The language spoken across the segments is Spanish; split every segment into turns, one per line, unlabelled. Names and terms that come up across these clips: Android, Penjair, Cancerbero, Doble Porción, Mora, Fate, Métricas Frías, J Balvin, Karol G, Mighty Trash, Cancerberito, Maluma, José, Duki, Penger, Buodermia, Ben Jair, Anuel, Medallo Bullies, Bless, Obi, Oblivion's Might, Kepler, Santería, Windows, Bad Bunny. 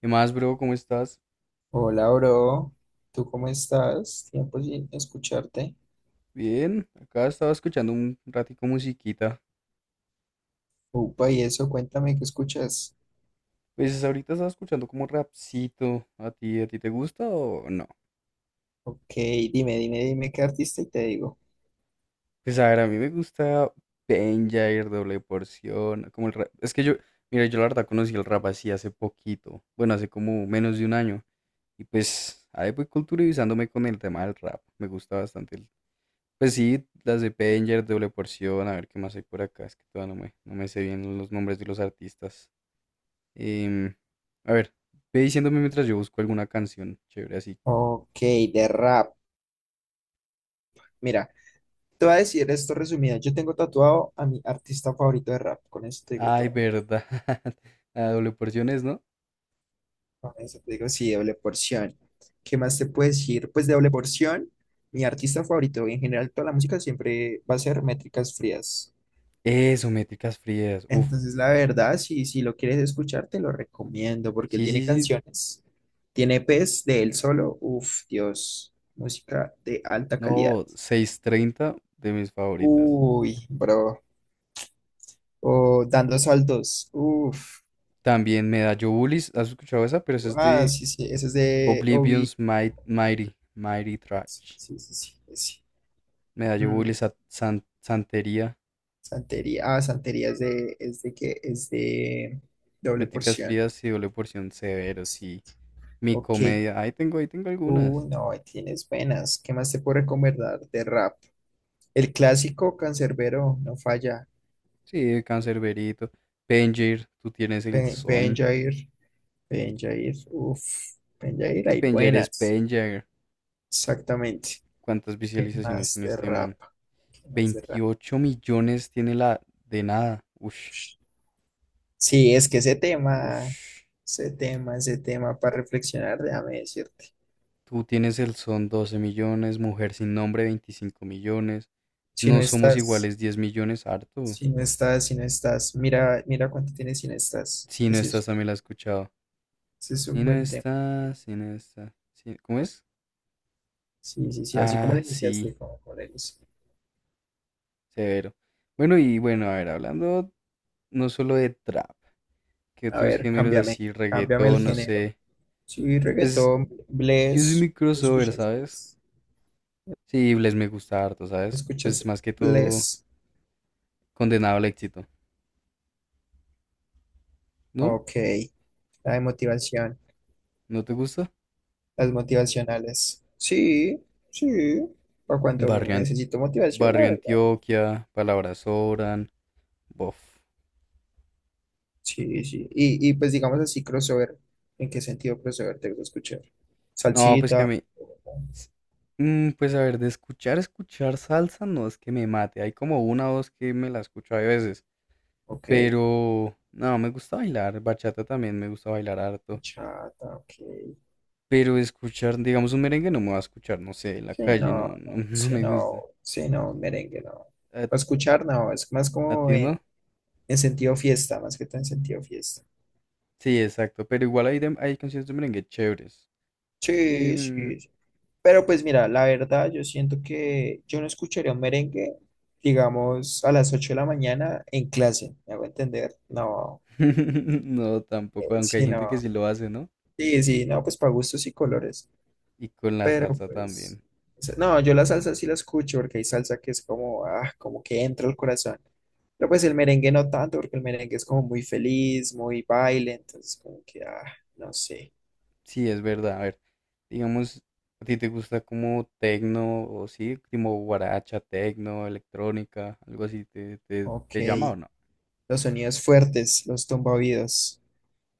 ¿Qué más, bro? ¿Cómo estás?
Hola, bro. ¿Tú cómo estás? Tiempo sin escucharte.
Bien, acá estaba escuchando un ratico musiquita.
Upa, y eso, cuéntame qué escuchas.
Pues ahorita estaba escuchando como rapcito. ¿A ti te gusta o no?
Ok, dime, dime, dime qué artista y te digo.
Pues a ver, a mí me gusta Penjair, Doble Porción, como el rap. Es que yo, mira, yo la verdad conocí el rap así hace poquito. Bueno, hace como menos de un año. Y pues ahí voy culturizándome con el tema del rap. Me gusta bastante el... Pues sí, las de Penjair, Doble Porción, a ver qué más hay por acá. Es que todavía no me sé bien los nombres de los artistas. Em, a ver, ve diciéndome mientras yo busco alguna canción chévere así.
Ok, de rap. Mira, te voy a decir esto resumido. Yo tengo tatuado a mi artista favorito de rap. Con eso te digo
Ay,
todo.
verdad. La doble porción es, ¿no?
Con eso te digo, sí, doble porción. ¿Qué más te puedo decir? Pues de doble porción, mi artista favorito y en general toda la música siempre va a ser Métricas Frías.
Eso, métricas frías. Uf.
Entonces, la verdad, si lo quieres escuchar, te lo recomiendo porque él
Sí,
tiene
sí, sí.
canciones. Tiene E pes de él solo. Uf, Dios. Música de alta
No,
calidad.
6:30 de mis favoritas.
Uy, bro. O dando saltos. Uf.
También Medallo Bullies. ¿Has escuchado esa? Pero esa es
Ah,
de
sí, sí. Ese es de Obi.
Mighty. Mighty
Sí,
Trash.
sí, sí. Sí, ese.
Medallo
Mm,
Bullies, Santería.
Santería. Ah, Santería es de doble
Métricas
porción.
frías y doble porción severo,
Sí.
sí. Mi
Ok.
comedia. Ahí tengo algunas.
No, ahí tienes buenas. ¿Qué más te puedo recomendar de rap? El clásico cancerbero no falla.
Sí, Cancerberito. Penger, tú tienes el
Ben
son.
Jair, Ben Jair, uff, Ben
Es
Jair,
que
hay
Penger es
buenas.
Penger.
Exactamente.
¿Cuántas
¿Qué
visualizaciones
más
tiene
de
este
rap?
man?
¿Qué más de rap?
28 millones tiene la de nada. Ush,
Sí, es que ese tema,
ush.
ese tema, ese tema para reflexionar, déjame decirte.
Tú tienes el son 12 millones, mujer sin nombre 25 millones.
Si no
No somos
estás,
iguales 10 millones, harto.
si no estás, si no estás, mira cuánto tienes si no estás,
Si
que
no estás, también la he escuchado.
sí es un
Si no
buen tema.
estás, si no estás. ¿Cómo es?
Sí, sí, sí, así como
Ah,
le
sí,
iniciaste, como le inicié.
severo. Bueno, y bueno, a ver, hablando no solo de trap. ¿Qué
A
otros
ver,
géneros
cámbiame,
así?
cámbiame el
Reggaetón, no
género.
sé.
Sí,
Pues
reggaetón,
yo soy
Bless.
muy
¿Tú
crossover,
escuchas
¿sabes?
Bless?
Sí, les me gusta harto, ¿sabes? Pues
¿Escuchas
más que todo
Bless?
condenado al éxito. ¿No?
Ok, la de motivación,
¿No te gusta?
las motivacionales. Sí, sí, por cuanto
Barrio,
necesito motivación, la
Barrio
verdad.
Antioquia, Palabras Sobran, bof.
Sí, sí. Y pues digamos así, crossover. ¿En qué sentido crossover te gusta escuchar?
No, pues que a
Salsita,
mí... s- pues a ver, de escuchar, escuchar salsa no es que me mate. Hay como una o dos que me la escucho a veces.
ok.
Pero... No, me gusta bailar. Bachata también me gusta bailar harto.
Bachata, ok.
Pero escuchar, digamos, un merengue no me va a escuchar, no sé, en la
Sí,
calle,
no,
no,
no,
no, no
sí,
me
no,
gusta.
sí, no, merengue, no.
¿A,
Para escuchar, no, es más
a
como
ti no?
en, sentido fiesta, más que todo en sentido fiesta.
Sí, exacto, pero igual hay, hay canciones de merengue chéveres. Sí,
Sí,
mm,
sí, sí. Pero pues mira, la verdad, yo siento que yo no escucharía un merengue, digamos, a las 8 de la mañana en clase, ¿me hago entender? No,
no, tampoco, aunque hay
sí,
gente que
no.
sí lo hace, ¿no?
Sí, sí, no, pues para gustos y colores.
Y con la
Pero
salsa
pues,
también.
o sea, no, yo la salsa sí la escucho porque hay salsa que es como, ah, como que entra al corazón. Pero pues el merengue no tanto, porque el merengue es como muy feliz, muy baile, entonces como que, ah, no sé.
Sí, es verdad, a ver, digamos, ¿a ti te gusta como tecno o sí, como guaracha, tecno, electrónica, algo así, te, te,
Ok,
te llama o no?
los sonidos fuertes, los tumbaoídos.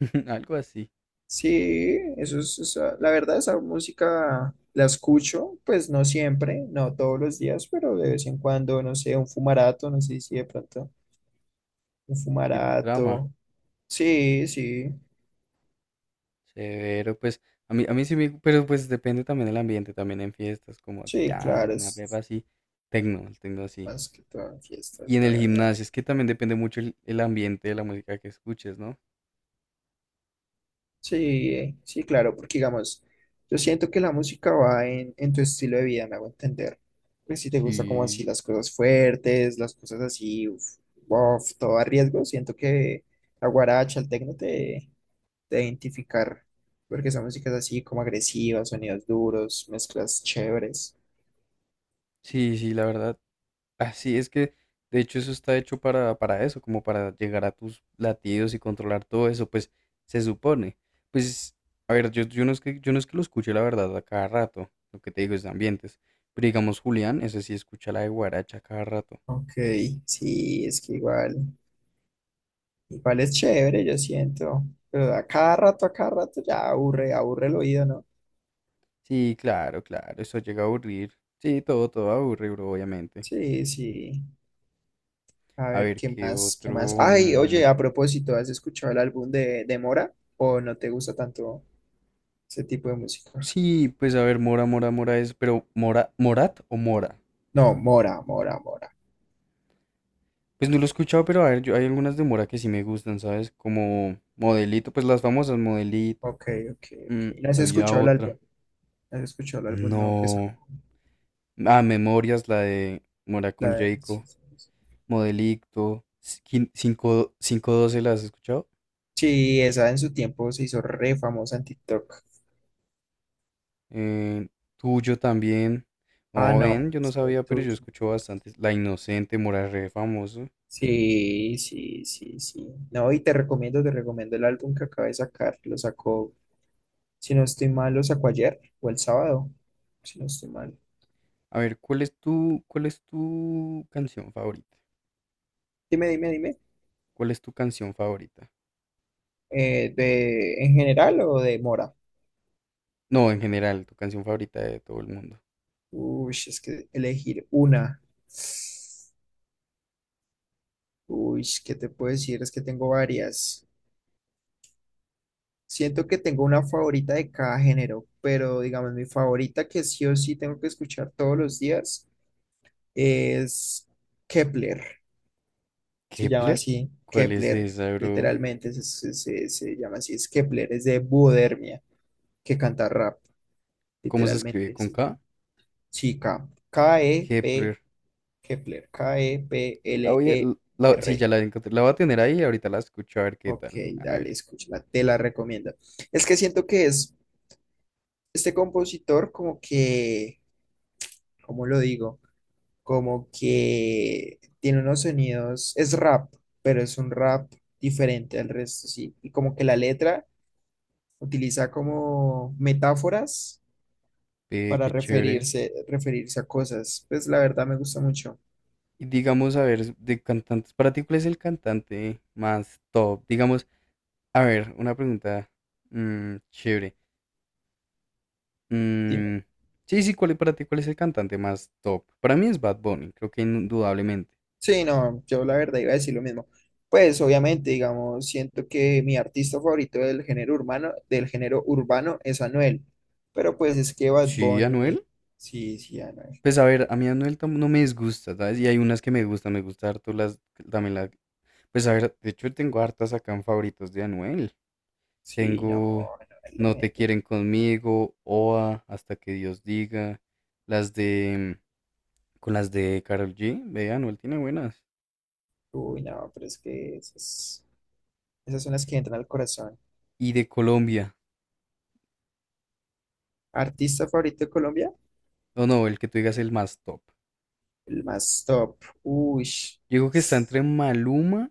Algo así,
Sí, eso es, la verdad, esa música la escucho, pues no siempre, no todos los días, pero de vez en cuando, no sé, un fumarato, no sé si de pronto, un
sí te trama.
fumarato. Sí, sí,
Severo, pues a mí sí me, pero pues depende también del ambiente, también en fiestas, como
sí,
ya,
claro,
en una pepa
es
así, tecno, el tecno así.
más que todo en
Y
fiestas,
en
la
el
verdad.
gimnasio, es que también depende mucho el ambiente de la música que escuches, ¿no?
Sí, sí, claro, porque digamos, yo siento que la música va en, tu estilo de vida, me hago entender. Pues si te gusta como así
Sí,
las cosas fuertes, las cosas así, uf, bof, todo a riesgo, siento que la guaracha, el tecno te identificar, porque son músicas así como agresivas, sonidos duros, mezclas chéveres.
sí, sí, la verdad. Así es que, de hecho, eso está hecho para eso, como para llegar a tus latidos y controlar todo eso, pues se supone. Pues, a ver, yo no es que lo escuche, la verdad, a cada rato, lo que te digo es de ambientes. Pero digamos, Julián, ese sí escucha la de guaracha a cada rato.
Ok, sí, es que igual es chévere, yo siento, pero a cada rato ya aburre, aburre el oído, ¿no?
Sí, claro, claro, eso llega a aburrir. Sí, todo, todo aburre, bro, obviamente.
Sí, sí. A
A
ver,
ver,
¿qué
¿qué
más? ¿Qué más?
otro?
Ay,
Mm,
oye, a propósito, ¿has escuchado el álbum de Mora? ¿O no te gusta tanto ese tipo de música?
sí, pues a ver, Mora es, pero Mora, Morat o Mora.
No, Mora, Mora, Mora.
Pues no lo he escuchado, pero a ver, yo hay algunas de Mora que sí me gustan, ¿sabes? Como Modelito, pues las famosas Modelito.
Ok, ok, ok.
Mm,
¿No has
había
escuchado el
otra.
álbum? ¿No ¿Has escuchado el álbum nuevo que
No.
sacó?
Ah, Memorias, la de Mora con Jayco.
Sí, sí, sí.
Modelito. 512, ¿las has escuchado?
Sí, esa en su tiempo se hizo re famosa en TikTok.
eh, tuyo también.
Ah,
No,
no,
ven, yo no
pues, lo
sabía, pero yo
tuyo.
escucho bastante. La Inocente, Moral re famoso.
Sí, sí, sí, sí. No, y te recomiendo el álbum que acaba de sacar. Lo sacó, si no estoy mal, lo sacó ayer o el sábado, si no estoy mal.
A ver, ¿cuál es tu canción favorita?
Dime, dime, dime.
¿Cuál es tu canción favorita?
¿En general o de Mora?
No, en general, tu canción favorita de todo el mundo.
Uy, es que elegir una. Uy, ¿qué te puedo decir? Es que tengo varias. Siento que tengo una favorita de cada género, pero digamos, mi favorita que sí o sí tengo que escuchar todos los días es Kepler. Se llama
¿Kepler?
así,
¿Cuál es
Kepler,
esa, bro?
literalmente se llama así, es Kepler, es de Buodermia, que canta rap,
¿Cómo se escribe?
literalmente
¿Con
se llama.
K?
Sí, K, e p
Kepler.
Kepler,
La voy a, la- sí, ya
Kepler.
la encontré. La voy a tener ahí y ahorita la escucho a ver qué
Ok,
tal. A
dale,
ver.
escúchala, te la recomiendo. Es que siento que es este compositor como que, ¿cómo lo digo? Como que tiene unos sonidos, es rap, pero es un rap diferente al resto, sí. Y como que la letra utiliza como metáforas
Ve,
para
qué chévere.
referirse a cosas. Pues la verdad me gusta mucho.
Y digamos, a ver, de cantantes, para ti, ¿cuál es el cantante más top? Digamos, a ver, una pregunta mm, chévere. Mm, sí, sí, ¿cuál, para ti cuál es el cantante más top? Para mí es Bad Bunny, creo que indudablemente.
Sí, no, yo la verdad iba a decir lo mismo. Pues obviamente, digamos, siento que mi artista favorito del género urbano es Anuel. Pero pues es que Bad
Sí,
Bunny,
Anuel.
sí, sí, Anuel.
Pues a ver, a mí Anuel no me disgusta, ¿sabes? Y hay unas que me gustan, me gusta harto las, también la- Pues a ver, de hecho tengo hartas acá en favoritos de Anuel.
Sí,
Tengo
no, Anuel le
No te
mete.
quieren conmigo, o a Hasta que Dios diga, las de... Con las de Karol G, ve, Anuel tiene buenas.
Uy, no, pero es que esas son las que entran al corazón.
Y de Colombia.
¿Artista favorito de Colombia?
No, no, el que tú digas el más top.
El más top. Uy.
Yo digo que está entre Maluma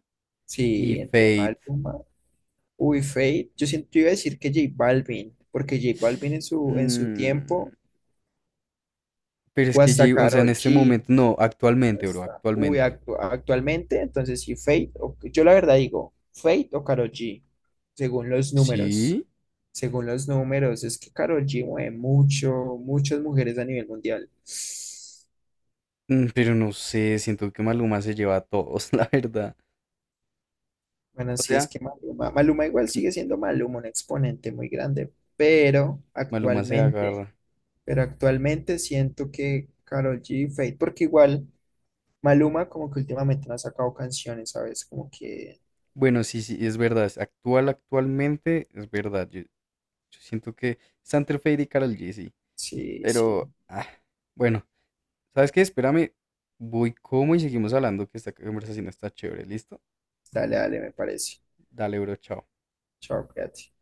y
Sí, entre
Fate.
Maluma, uy, Fate. Yo siento, yo iba a decir que J Balvin, porque J Balvin en su
Mm,
tiempo
pero
o
es que,
hasta
O sea, en
Karol
este
G,
momento, no,
o
actualmente, bro,
hasta, uy,
actualmente.
actualmente, entonces sí, Fate, yo la verdad digo, Fate o Karol G, según los números,
Sí,
según los números, es que Karol G mueve mucho, muchas mujeres a nivel mundial.
mm, pero no sé, siento que Maluma se lleva a todos, la verdad.
Bueno,
O
sí es
sea,
que Maluma igual
M-
sigue siendo Maluma, un exponente muy grande, pero
Maluma se
actualmente,
agarra.
pero actualmente siento que Karol G y Fate, porque igual Maluma como que últimamente no ha sacado canciones, ¿sabes? Como que
Bueno, sí, sí, es verdad, es actual, actualmente, es verdad. Yo siento que está entre Fate y Karol G, sí.
sí, sí.
Pero, ah, bueno, ¿sabes qué? Espérame, voy como y seguimos hablando, que esta conversación está chévere. ¿Listo?
Dale, dale, me parece.
Dale, bro, chao.
Chao, cuídate.